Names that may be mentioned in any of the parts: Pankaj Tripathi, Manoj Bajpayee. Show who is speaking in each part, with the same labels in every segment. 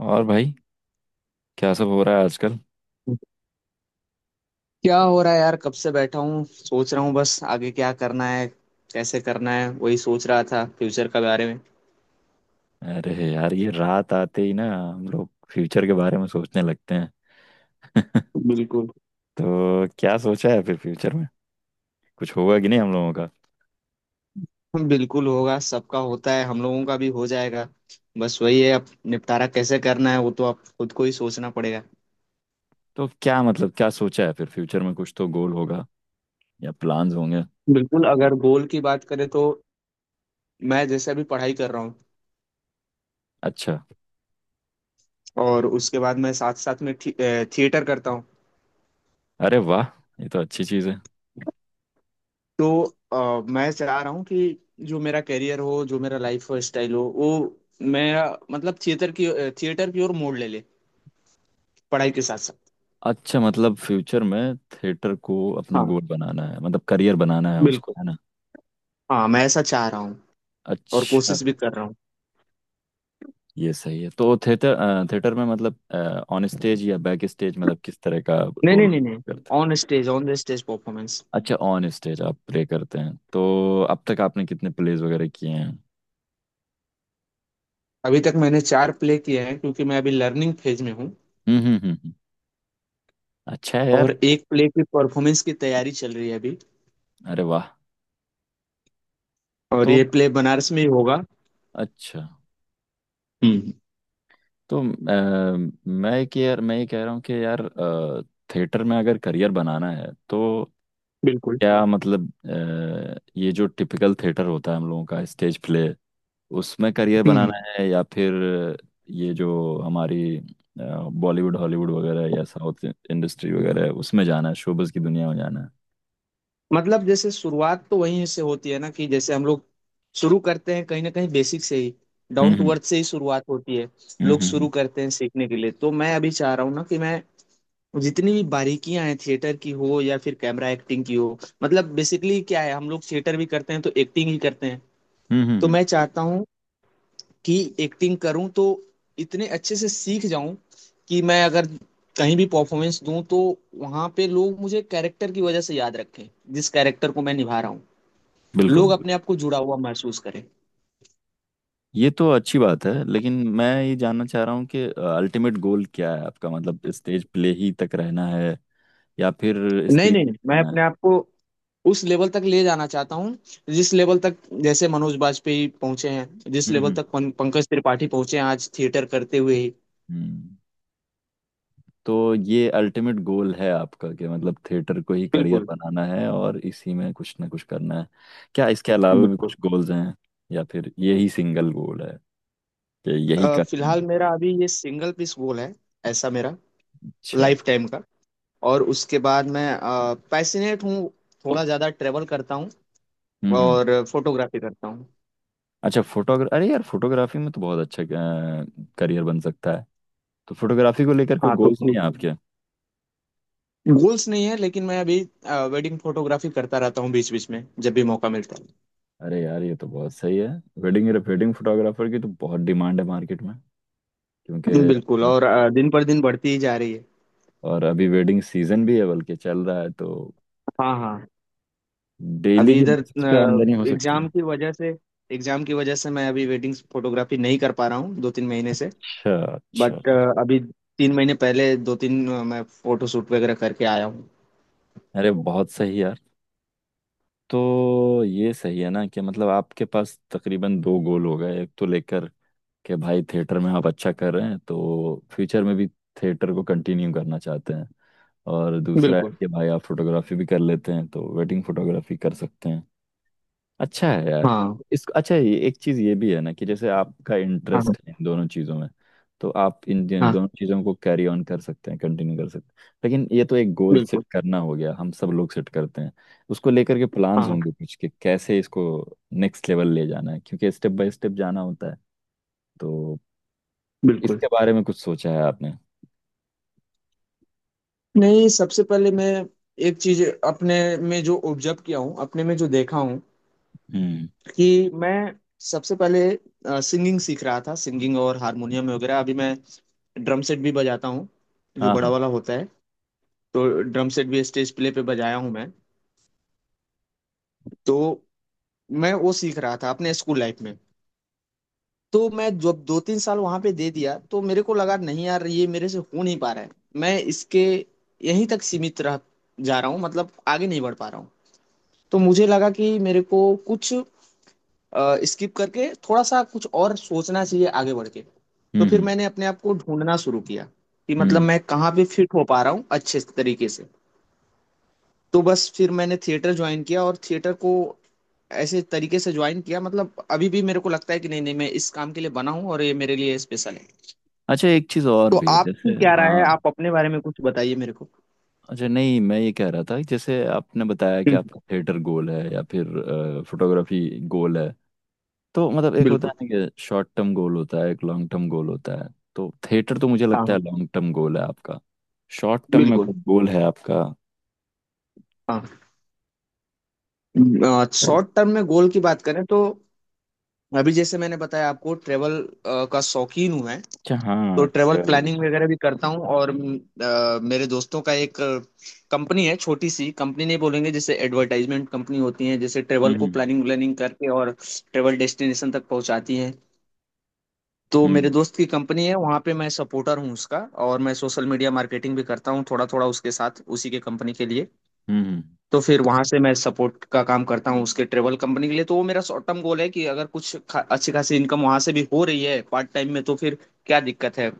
Speaker 1: और भाई, क्या सब हो रहा है आजकल?
Speaker 2: क्या हो रहा है यार। कब से बैठा हूँ सोच रहा हूँ बस आगे क्या करना है कैसे करना है वही सोच रहा था फ्यूचर के बारे में।
Speaker 1: अरे यार, ये रात आते ही ना हम लोग फ्यूचर के बारे में सोचने लगते हैं।
Speaker 2: बिल्कुल।
Speaker 1: तो क्या सोचा है फिर फ्यूचर में? कुछ होगा कि नहीं हम लोगों का?
Speaker 2: बिल्कुल होगा सबका होता है हम लोगों का भी हो जाएगा। बस वही है अब निपटारा कैसे करना है वो तो आप खुद को ही सोचना पड़ेगा।
Speaker 1: तो क्या मतलब, क्या सोचा है फिर फ्यूचर में? कुछ तो गोल होगा या प्लान्स होंगे।
Speaker 2: बिल्कुल अगर गोल की बात करें तो मैं जैसे अभी पढ़ाई कर रहा हूँ
Speaker 1: अच्छा।
Speaker 2: और उसके बाद मैं साथ साथ में थिएटर करता हूँ।
Speaker 1: अरे वाह, ये तो अच्छी चीज़ है।
Speaker 2: तो मैं चाह रहा हूँ कि जो मेरा करियर हो जो मेरा लाइफ स्टाइल हो वो मैं, मतलब थिएटर की ओर मोड़ ले ले पढ़ाई के साथ साथ।
Speaker 1: अच्छा, मतलब फ्यूचर में थिएटर को अपना
Speaker 2: हाँ
Speaker 1: गोल बनाना है, मतलब करियर बनाना है उसको,
Speaker 2: बिल्कुल।
Speaker 1: है ना?
Speaker 2: हाँ मैं ऐसा चाह रहा हूँ और
Speaker 1: अच्छा।
Speaker 2: कोशिश भी कर रहा हूँ।
Speaker 1: ये सही है। तो थिएटर थिएटर में मतलब ऑन स्टेज या बैक स्टेज, मतलब किस तरह का
Speaker 2: नहीं
Speaker 1: रोल
Speaker 2: नहीं नहीं नहीं।
Speaker 1: करते हैं?
Speaker 2: On stage, on the stage performance.
Speaker 1: अच्छा, ऑन स्टेज आप प्ले करते हैं। तो अब तक आपने कितने प्लेज वगैरह किए हैं?
Speaker 2: अभी तक मैंने चार प्ले किए हैं क्योंकि मैं अभी लर्निंग फेज में हूँ।
Speaker 1: हम्म, हम्म, हम्म, अच्छा है यार।
Speaker 2: और एक प्ले की परफॉर्मेंस की तैयारी चल रही है अभी।
Speaker 1: अरे वाह।
Speaker 2: और
Speaker 1: तो
Speaker 2: ये प्ले बनारस में ही होगा।
Speaker 1: अच्छा।
Speaker 2: हम्म।
Speaker 1: तो अ, मैं कि यार मैं ये कह रहा हूँ कि यार, थिएटर में अगर करियर बनाना है तो
Speaker 2: बिल्कुल।
Speaker 1: क्या मतलब, ये जो टिपिकल थिएटर होता है हम लोगों का, स्टेज प्ले, उसमें करियर
Speaker 2: हम्म।
Speaker 1: बनाना है या फिर ये जो हमारी बॉलीवुड, हॉलीवुड वगैरह या साउथ इंडस्ट्री वगैरह है, उसमें जाना है, शोबिज की दुनिया में जाना है?
Speaker 2: मतलब जैसे शुरुआत तो वहीं से होती है ना कि जैसे हम लोग शुरू करते हैं कहीं ना कहीं बेसिक से ही, डाउन टू
Speaker 1: हम्म,
Speaker 2: अर्थ से ही शुरुआत होती है।
Speaker 1: हम्म,
Speaker 2: लोग
Speaker 1: हम्म, हम्म।
Speaker 2: शुरू करते हैं सीखने के लिए तो मैं अभी चाह रहा हूँ ना कि मैं जितनी भी बारीकियां हैं थिएटर की हो या फिर कैमरा एक्टिंग की हो, मतलब बेसिकली क्या है हम लोग थिएटर भी करते हैं तो एक्टिंग ही करते हैं। तो
Speaker 1: हम्म।
Speaker 2: मैं चाहता हूँ कि एक्टिंग करूँ तो इतने अच्छे से सीख जाऊं कि मैं अगर कहीं भी परफॉर्मेंस दूं तो वहां पे लोग मुझे कैरेक्टर की वजह से याद रखें, जिस कैरेक्टर को मैं निभा रहा हूँ, लोग
Speaker 1: बिल्कुल।
Speaker 2: अपने आप को जुड़ा हुआ महसूस करें।
Speaker 1: ये तो अच्छी बात है, लेकिन मैं ये जानना चाह रहा हूँ कि अल्टीमेट गोल क्या है आपका? मतलब स्टेज प्ले ही तक रहना है या फिर
Speaker 2: नहीं
Speaker 1: स्क्रीन
Speaker 2: नहीं नहीं, मैं
Speaker 1: आना है?
Speaker 2: अपने आप को उस लेवल तक ले जाना चाहता हूँ जिस लेवल तक, जैसे मनोज बाजपेयी पहुंचे हैं, जिस
Speaker 1: हम्म,
Speaker 2: लेवल तक
Speaker 1: हम्म।
Speaker 2: पंकज त्रिपाठी पहुंचे हैं आज थिएटर करते हुए ही।
Speaker 1: हम्म। तो ये अल्टीमेट गोल है आपका कि मतलब थिएटर को ही करियर
Speaker 2: बिल्कुल।
Speaker 1: बनाना है और इसी में कुछ ना कुछ करना है? क्या इसके अलावा भी
Speaker 2: बिल्कुल।
Speaker 1: कुछ गोल्स हैं, या फिर यही सिंगल गोल है कि यही करना है?
Speaker 2: फिलहाल मेरा अभी ये सिंगल पीस गोल है, ऐसा मेरा
Speaker 1: अच्छा।
Speaker 2: लाइफ टाइम का। और उसके बाद मैं पैसिनेट हूँ, थोड़ा ज़्यादा ट्रेवल करता हूँ
Speaker 1: हम्म, हम्म।
Speaker 2: और फोटोग्राफी करता हूँ।
Speaker 1: अच्छा, फोटोग्राफ, अरे यार, फोटोग्राफी में तो बहुत अच्छा करियर बन सकता है। तो फोटोग्राफी को लेकर कोई
Speaker 2: हाँ तो
Speaker 1: गोल्स
Speaker 2: ठीक
Speaker 1: नहीं है आपके?
Speaker 2: गोल्स नहीं है लेकिन मैं अभी वेडिंग फोटोग्राफी करता रहता हूँ बीच बीच में जब भी मौका मिलता है।
Speaker 1: अरे यार, ये तो बहुत सही है। वेडिंग वेडिंग फोटोग्राफर की तो बहुत डिमांड है मार्केट में,
Speaker 2: बिल्कुल
Speaker 1: क्योंकि,
Speaker 2: और दिन पर दिन बढ़ती ही जा रही है।
Speaker 1: और अभी वेडिंग सीजन भी है, बल्कि चल रहा है, तो
Speaker 2: हाँ हाँ।
Speaker 1: डेली
Speaker 2: अभी
Speaker 1: की
Speaker 2: इधर
Speaker 1: बेसिस पे आमदनी हो सकती है।
Speaker 2: एग्जाम की वजह से, मैं अभी वेडिंग फोटोग्राफी नहीं कर पा रहा हूँ दो तीन महीने से।
Speaker 1: अच्छा, अच्छा।
Speaker 2: बट अभी तीन महीने पहले दो तीन, मैं फोटो शूट वगैरह करके आया हूँ।
Speaker 1: अरे बहुत सही यार। तो ये सही है ना कि मतलब आपके पास तकरीबन दो गोल हो गए। एक तो लेकर के भाई, थिएटर में आप अच्छा कर रहे हैं तो फ्यूचर में भी थिएटर को कंटिन्यू करना चाहते हैं, और दूसरा
Speaker 2: बिल्कुल।
Speaker 1: है कि भाई आप फोटोग्राफी भी कर लेते हैं तो वेडिंग फोटोग्राफी कर सकते हैं। अच्छा है यार।
Speaker 2: हाँ
Speaker 1: इस अच्छा, ये एक चीज ये भी है ना कि जैसे आपका
Speaker 2: हाँ। हाँ
Speaker 1: इंटरेस्ट है इन दोनों चीजों में, तो आप इन
Speaker 2: हाँ,
Speaker 1: दोनों चीजों को कैरी ऑन कर सकते हैं, कंटिन्यू कर सकते हैं। लेकिन ये तो एक गोल सेट
Speaker 2: बिल्कुल।
Speaker 1: करना हो गया, हम सब लोग सेट करते हैं। उसको लेकर के
Speaker 2: हाँ
Speaker 1: प्लान्स
Speaker 2: हाँ,
Speaker 1: होंगे कुछ कि कैसे इसको नेक्स्ट लेवल ले जाना है, क्योंकि स्टेप बाय स्टेप जाना होता है। तो
Speaker 2: बिल्कुल।
Speaker 1: इसके बारे में कुछ सोचा है आपने?
Speaker 2: नहीं सबसे पहले मैं एक चीज अपने में जो ऑब्जर्व किया हूँ, अपने में जो देखा हूँ
Speaker 1: हम्म।
Speaker 2: कि मैं सबसे पहले सिंगिंग सीख रहा था, सिंगिंग और हारमोनियम वगैरह। अभी मैं ड्रम सेट भी बजाता हूँ, जो
Speaker 1: हाँ,
Speaker 2: बड़ा
Speaker 1: हाँ।
Speaker 2: वाला होता है। तो ड्रम सेट भी स्टेज प्ले पे बजाया हूँ मैं। तो मैं वो सीख रहा था अपने स्कूल लाइफ में। तो मैं जब दो तीन साल वहां पे दे दिया तो मेरे को लगा नहीं यार, ये मेरे से हो नहीं पा रहा है। मैं इसके यहीं तक सीमित रह जा रहा हूँ, मतलब आगे नहीं बढ़ पा रहा हूँ। तो मुझे लगा कि मेरे को कुछ स्किप करके थोड़ा सा कुछ और सोचना चाहिए आगे बढ़ के। तो
Speaker 1: हम्म,
Speaker 2: फिर
Speaker 1: हम्म,
Speaker 2: मैंने अपने आप को ढूंढना शुरू किया कि मतलब
Speaker 1: हम्म।
Speaker 2: मैं कहाँ पे फिट हो पा रहा हूँ अच्छे तरीके से। तो बस फिर मैंने थिएटर ज्वाइन किया और थिएटर को ऐसे तरीके से ज्वाइन किया, मतलब अभी भी मेरे को लगता है कि नहीं नहीं मैं इस काम के लिए बना हूँ और ये मेरे लिए स्पेशल है।
Speaker 1: अच्छा, एक चीज और
Speaker 2: तो
Speaker 1: भी है,
Speaker 2: आपकी
Speaker 1: जैसे,
Speaker 2: क्या राय है,
Speaker 1: हाँ,
Speaker 2: आप अपने बारे में कुछ बताइए मेरे को।
Speaker 1: अच्छा, नहीं, मैं ये कह रहा था कि जैसे आपने बताया कि
Speaker 2: हम्म,
Speaker 1: आपका थिएटर गोल है या फिर फोटोग्राफी गोल है, तो मतलब एक होता
Speaker 2: बिल्कुल।
Speaker 1: है ना कि शॉर्ट टर्म गोल होता है, एक लॉन्ग टर्म गोल होता है। तो थिएटर तो मुझे
Speaker 2: हाँ
Speaker 1: लगता है
Speaker 2: हाँ।
Speaker 1: लॉन्ग टर्म गोल है आपका। शॉर्ट टर्म में
Speaker 2: बिल्कुल।
Speaker 1: कोई गोल है आपका?
Speaker 2: हाँ
Speaker 1: अच्छा।
Speaker 2: शॉर्ट टर्म में गोल की बात करें तो अभी जैसे मैंने बताया आपको, ट्रेवल का शौकीन हूँ मैं। तो
Speaker 1: हाँ,
Speaker 2: ट्रेवल
Speaker 1: ट्रेवल।
Speaker 2: प्लानिंग वगैरह भी करता हूँ और मेरे दोस्तों का एक कंपनी है, छोटी सी कंपनी नहीं बोलेंगे, जैसे एडवर्टाइजमेंट कंपनी होती है, जैसे ट्रेवल को
Speaker 1: हम्म,
Speaker 2: प्लानिंग व्लानिंग करके और ट्रेवल डेस्टिनेशन तक पहुंचाती है। तो मेरे
Speaker 1: हम्म,
Speaker 2: दोस्त की कंपनी है, वहाँ पे मैं सपोर्टर हूँ उसका। और मैं सोशल मीडिया मार्केटिंग भी करता हूँ थोड़ा थोड़ा उसके साथ, उसी के कंपनी के लिए।
Speaker 1: हम्म।
Speaker 2: तो फिर वहां से मैं सपोर्ट का काम करता हूँ उसके ट्रेवल कंपनी के लिए। तो वो मेरा शॉर्ट टर्म गोल है कि अगर कुछ अच्छी खासी इनकम वहां से भी हो रही है पार्ट टाइम में तो फिर क्या दिक्कत है।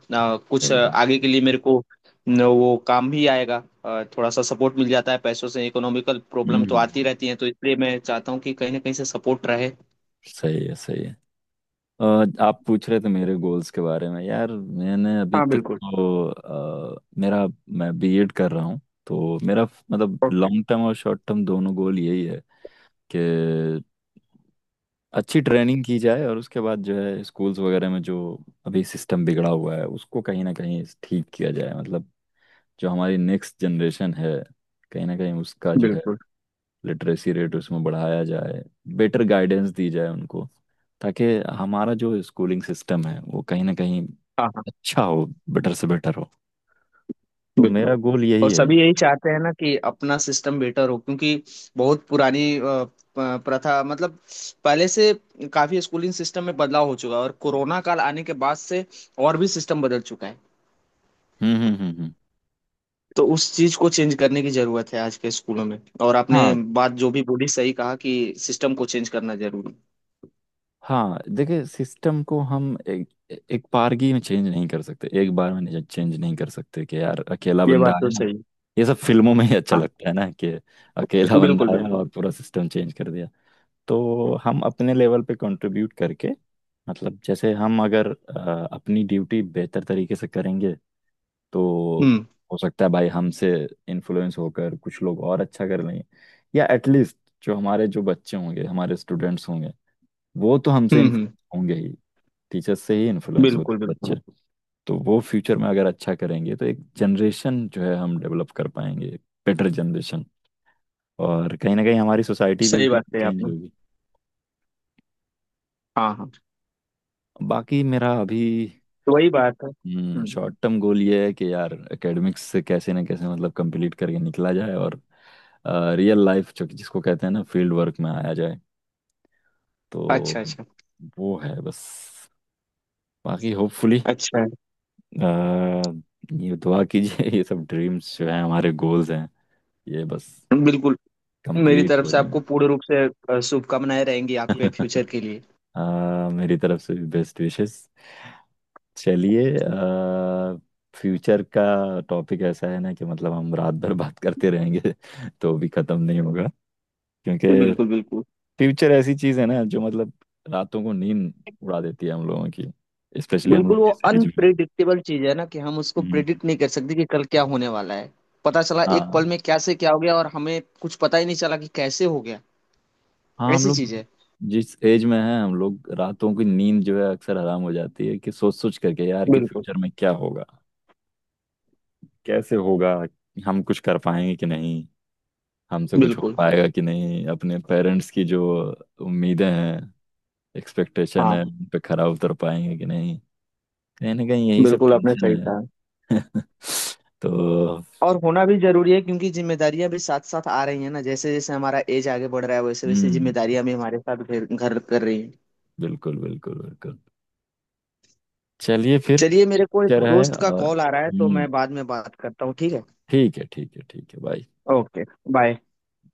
Speaker 2: कुछ
Speaker 1: सही है।
Speaker 2: आगे के लिए मेरे को न, वो काम भी आएगा। थोड़ा सा सपोर्ट मिल जाता है पैसों से। इकोनॉमिकल प्रॉब्लम तो
Speaker 1: हम्म।
Speaker 2: आती रहती है तो इसलिए मैं चाहता हूँ कि कहीं ना कहीं से सपोर्ट रहे।
Speaker 1: सही है, सही है। और आप पूछ रहे थे मेरे गोल्स के बारे में। यार, मैंने अभी
Speaker 2: हाँ
Speaker 1: तक
Speaker 2: बिल्कुल।
Speaker 1: तो, मेरा, मैं बीएड कर रहा हूँ, तो मेरा मतलब
Speaker 2: ओके।
Speaker 1: लॉन्ग टर्म और शॉर्ट टर्म दोनों गोल यही है कि अच्छी ट्रेनिंग की जाए, और उसके बाद जो है स्कूल्स वगैरह में जो अभी सिस्टम बिगड़ा हुआ है उसको कहीं ना कहीं ठीक किया जाए। मतलब जो हमारी नेक्स्ट जनरेशन है, कहीं ना कहीं उसका जो है
Speaker 2: बिल्कुल।
Speaker 1: लिटरेसी रेट उसमें बढ़ाया जाए, बेटर गाइडेंस दी जाए उनको, ताकि हमारा जो स्कूलिंग सिस्टम है वो कहीं ना कहीं
Speaker 2: हाँ हाँ।
Speaker 1: अच्छा हो, बेटर से बेटर हो। तो
Speaker 2: बिल्कुल
Speaker 1: मेरा गोल यही
Speaker 2: और
Speaker 1: है।
Speaker 2: सभी यही चाहते हैं ना कि अपना सिस्टम बेटर हो। क्योंकि बहुत पुरानी प्रथा, मतलब पहले से काफी स्कूलिंग सिस्टम में बदलाव हो चुका है, और कोरोना काल आने के बाद से और भी सिस्टम बदल चुका है।
Speaker 1: हम्म, हम्म, हम्म,
Speaker 2: तो उस चीज को चेंज करने की जरूरत है आज के स्कूलों में। और आपने
Speaker 1: हाँ,
Speaker 2: बात जो भी बोली सही कहा कि सिस्टम को चेंज करना जरूरी
Speaker 1: हाँ, देखिए, सिस्टम को हम एक एक बारगी में चेंज नहीं कर सकते, एक बार में चेंज नहीं कर सकते कि यार अकेला
Speaker 2: है। ये
Speaker 1: बंदा
Speaker 2: बात तो
Speaker 1: आया।
Speaker 2: सही है।
Speaker 1: ये सब फिल्मों में ही अच्छा
Speaker 2: हाँ
Speaker 1: लगता है ना कि अकेला बंदा
Speaker 2: बिल्कुल
Speaker 1: आया
Speaker 2: बिल्कुल।
Speaker 1: और पूरा सिस्टम चेंज कर दिया। तो हम अपने लेवल पे कंट्रीब्यूट करके, मतलब जैसे हम अगर अपनी ड्यूटी बेहतर तरीके से करेंगे, तो
Speaker 2: हम्म
Speaker 1: हो सकता है भाई हमसे इन्फ्लुएंस होकर कुछ लोग और अच्छा कर लेंगे, या एटलीस्ट जो हमारे जो बच्चे होंगे, हमारे स्टूडेंट्स होंगे, वो तो हमसे
Speaker 2: हम्म।
Speaker 1: इन्फ्लुएंस होंगे ही। टीचर्स से ही इन्फ्लुएंस होते
Speaker 2: बिल्कुल
Speaker 1: हैं
Speaker 2: बिल्कुल।
Speaker 1: बच्चे। तो वो फ्यूचर में अगर अच्छा करेंगे तो एक जनरेशन जो है हम डेवलप कर पाएंगे, बेटर जनरेशन, और कहीं ना कहीं हमारी सोसाइटी भी
Speaker 2: सही
Speaker 1: उसी
Speaker 2: बात कही
Speaker 1: चेंज
Speaker 2: आपने।
Speaker 1: होगी।
Speaker 2: हाँ हाँ।
Speaker 1: बाकी मेरा अभी,
Speaker 2: तो वही बात है।
Speaker 1: हम्म,
Speaker 2: हम्म।
Speaker 1: शॉर्ट टर्म गोल ये है कि यार एकेडमिक्स से कैसे ना कैसे मतलब कंप्लीट करके निकला जाए, और रियल लाइफ, जो जिसको कहते हैं ना, फील्ड वर्क में आया जाए। तो
Speaker 2: अच्छा अच्छा।
Speaker 1: वो है बस। बाकी होपफुली,
Speaker 2: अच्छा।
Speaker 1: ये दुआ कीजिए, ये सब ड्रीम्स जो हैं, हमारे गोल्स हैं, ये बस
Speaker 2: बिल्कुल। मेरी
Speaker 1: कंप्लीट
Speaker 2: तरफ
Speaker 1: हो
Speaker 2: से
Speaker 1: जाए।
Speaker 2: आपको पूर्ण रूप से शुभकामनाएं रहेंगी आपके फ्यूचर के लिए।
Speaker 1: मेरी तरफ से भी बेस्ट विशेस। चलिए, फ्यूचर का टॉपिक ऐसा है ना कि मतलब हम रात भर बात करते रहेंगे तो भी खत्म नहीं होगा,
Speaker 2: जी,
Speaker 1: क्योंकि
Speaker 2: बिल्कुल बिल्कुल।
Speaker 1: फ्यूचर ऐसी चीज है ना जो मतलब रातों को नींद उड़ा देती है हम लोगों की, स्पेशली हम
Speaker 2: बिल्कुल
Speaker 1: लोग
Speaker 2: वो
Speaker 1: जिस एज में।
Speaker 2: अनप्रिडिक्टेबल चीज है ना कि हम उसको
Speaker 1: हम्म।
Speaker 2: प्रिडिक्ट नहीं कर सकते कि कल क्या होने वाला है। पता चला एक पल
Speaker 1: हाँ,
Speaker 2: में क्या से क्या हो गया और हमें कुछ पता ही नहीं चला कि कैसे हो गया।
Speaker 1: हाँ, हम
Speaker 2: ऐसी
Speaker 1: लोग
Speaker 2: चीज है।
Speaker 1: जिस एज में हैं, हम लोग रातों की नींद जो है अक्सर हराम हो जाती है कि सोच सोच करके यार कि
Speaker 2: बिल्कुल
Speaker 1: फ्यूचर में क्या होगा, कैसे होगा, हम कुछ कर पाएंगे कि नहीं, हमसे कुछ हो
Speaker 2: बिल्कुल।
Speaker 1: पाएगा कि नहीं, अपने पेरेंट्स की जो उम्मीदें हैं, एक्सपेक्टेशन है,
Speaker 2: हाँ
Speaker 1: उन पे खरा उतर पाएंगे कि नहीं, कहीं ना कहीं यही सब
Speaker 2: बिल्कुल आपने
Speaker 1: टेंशन
Speaker 2: सही कहा।
Speaker 1: है। तो,
Speaker 2: और होना भी जरूरी है क्योंकि जिम्मेदारियां भी साथ साथ आ रही हैं ना। जैसे जैसे हमारा एज आगे बढ़ रहा है वैसे वैसे
Speaker 1: हम्म,
Speaker 2: जिम्मेदारियां भी हमारे साथ घर घर कर रही हैं।
Speaker 1: बिल्कुल, बिल्कुल, बिल्कुल। चलिए फिर,
Speaker 2: चलिए मेरे को
Speaker 1: क्या
Speaker 2: एक
Speaker 1: रहा है,
Speaker 2: दोस्त का
Speaker 1: और
Speaker 2: कॉल आ रहा है तो
Speaker 1: हम्म,
Speaker 2: मैं बाद में बात करता हूँ, ठीक है।
Speaker 1: ठीक है, ठीक है, ठीक है, बाय।
Speaker 2: ओके। बाय।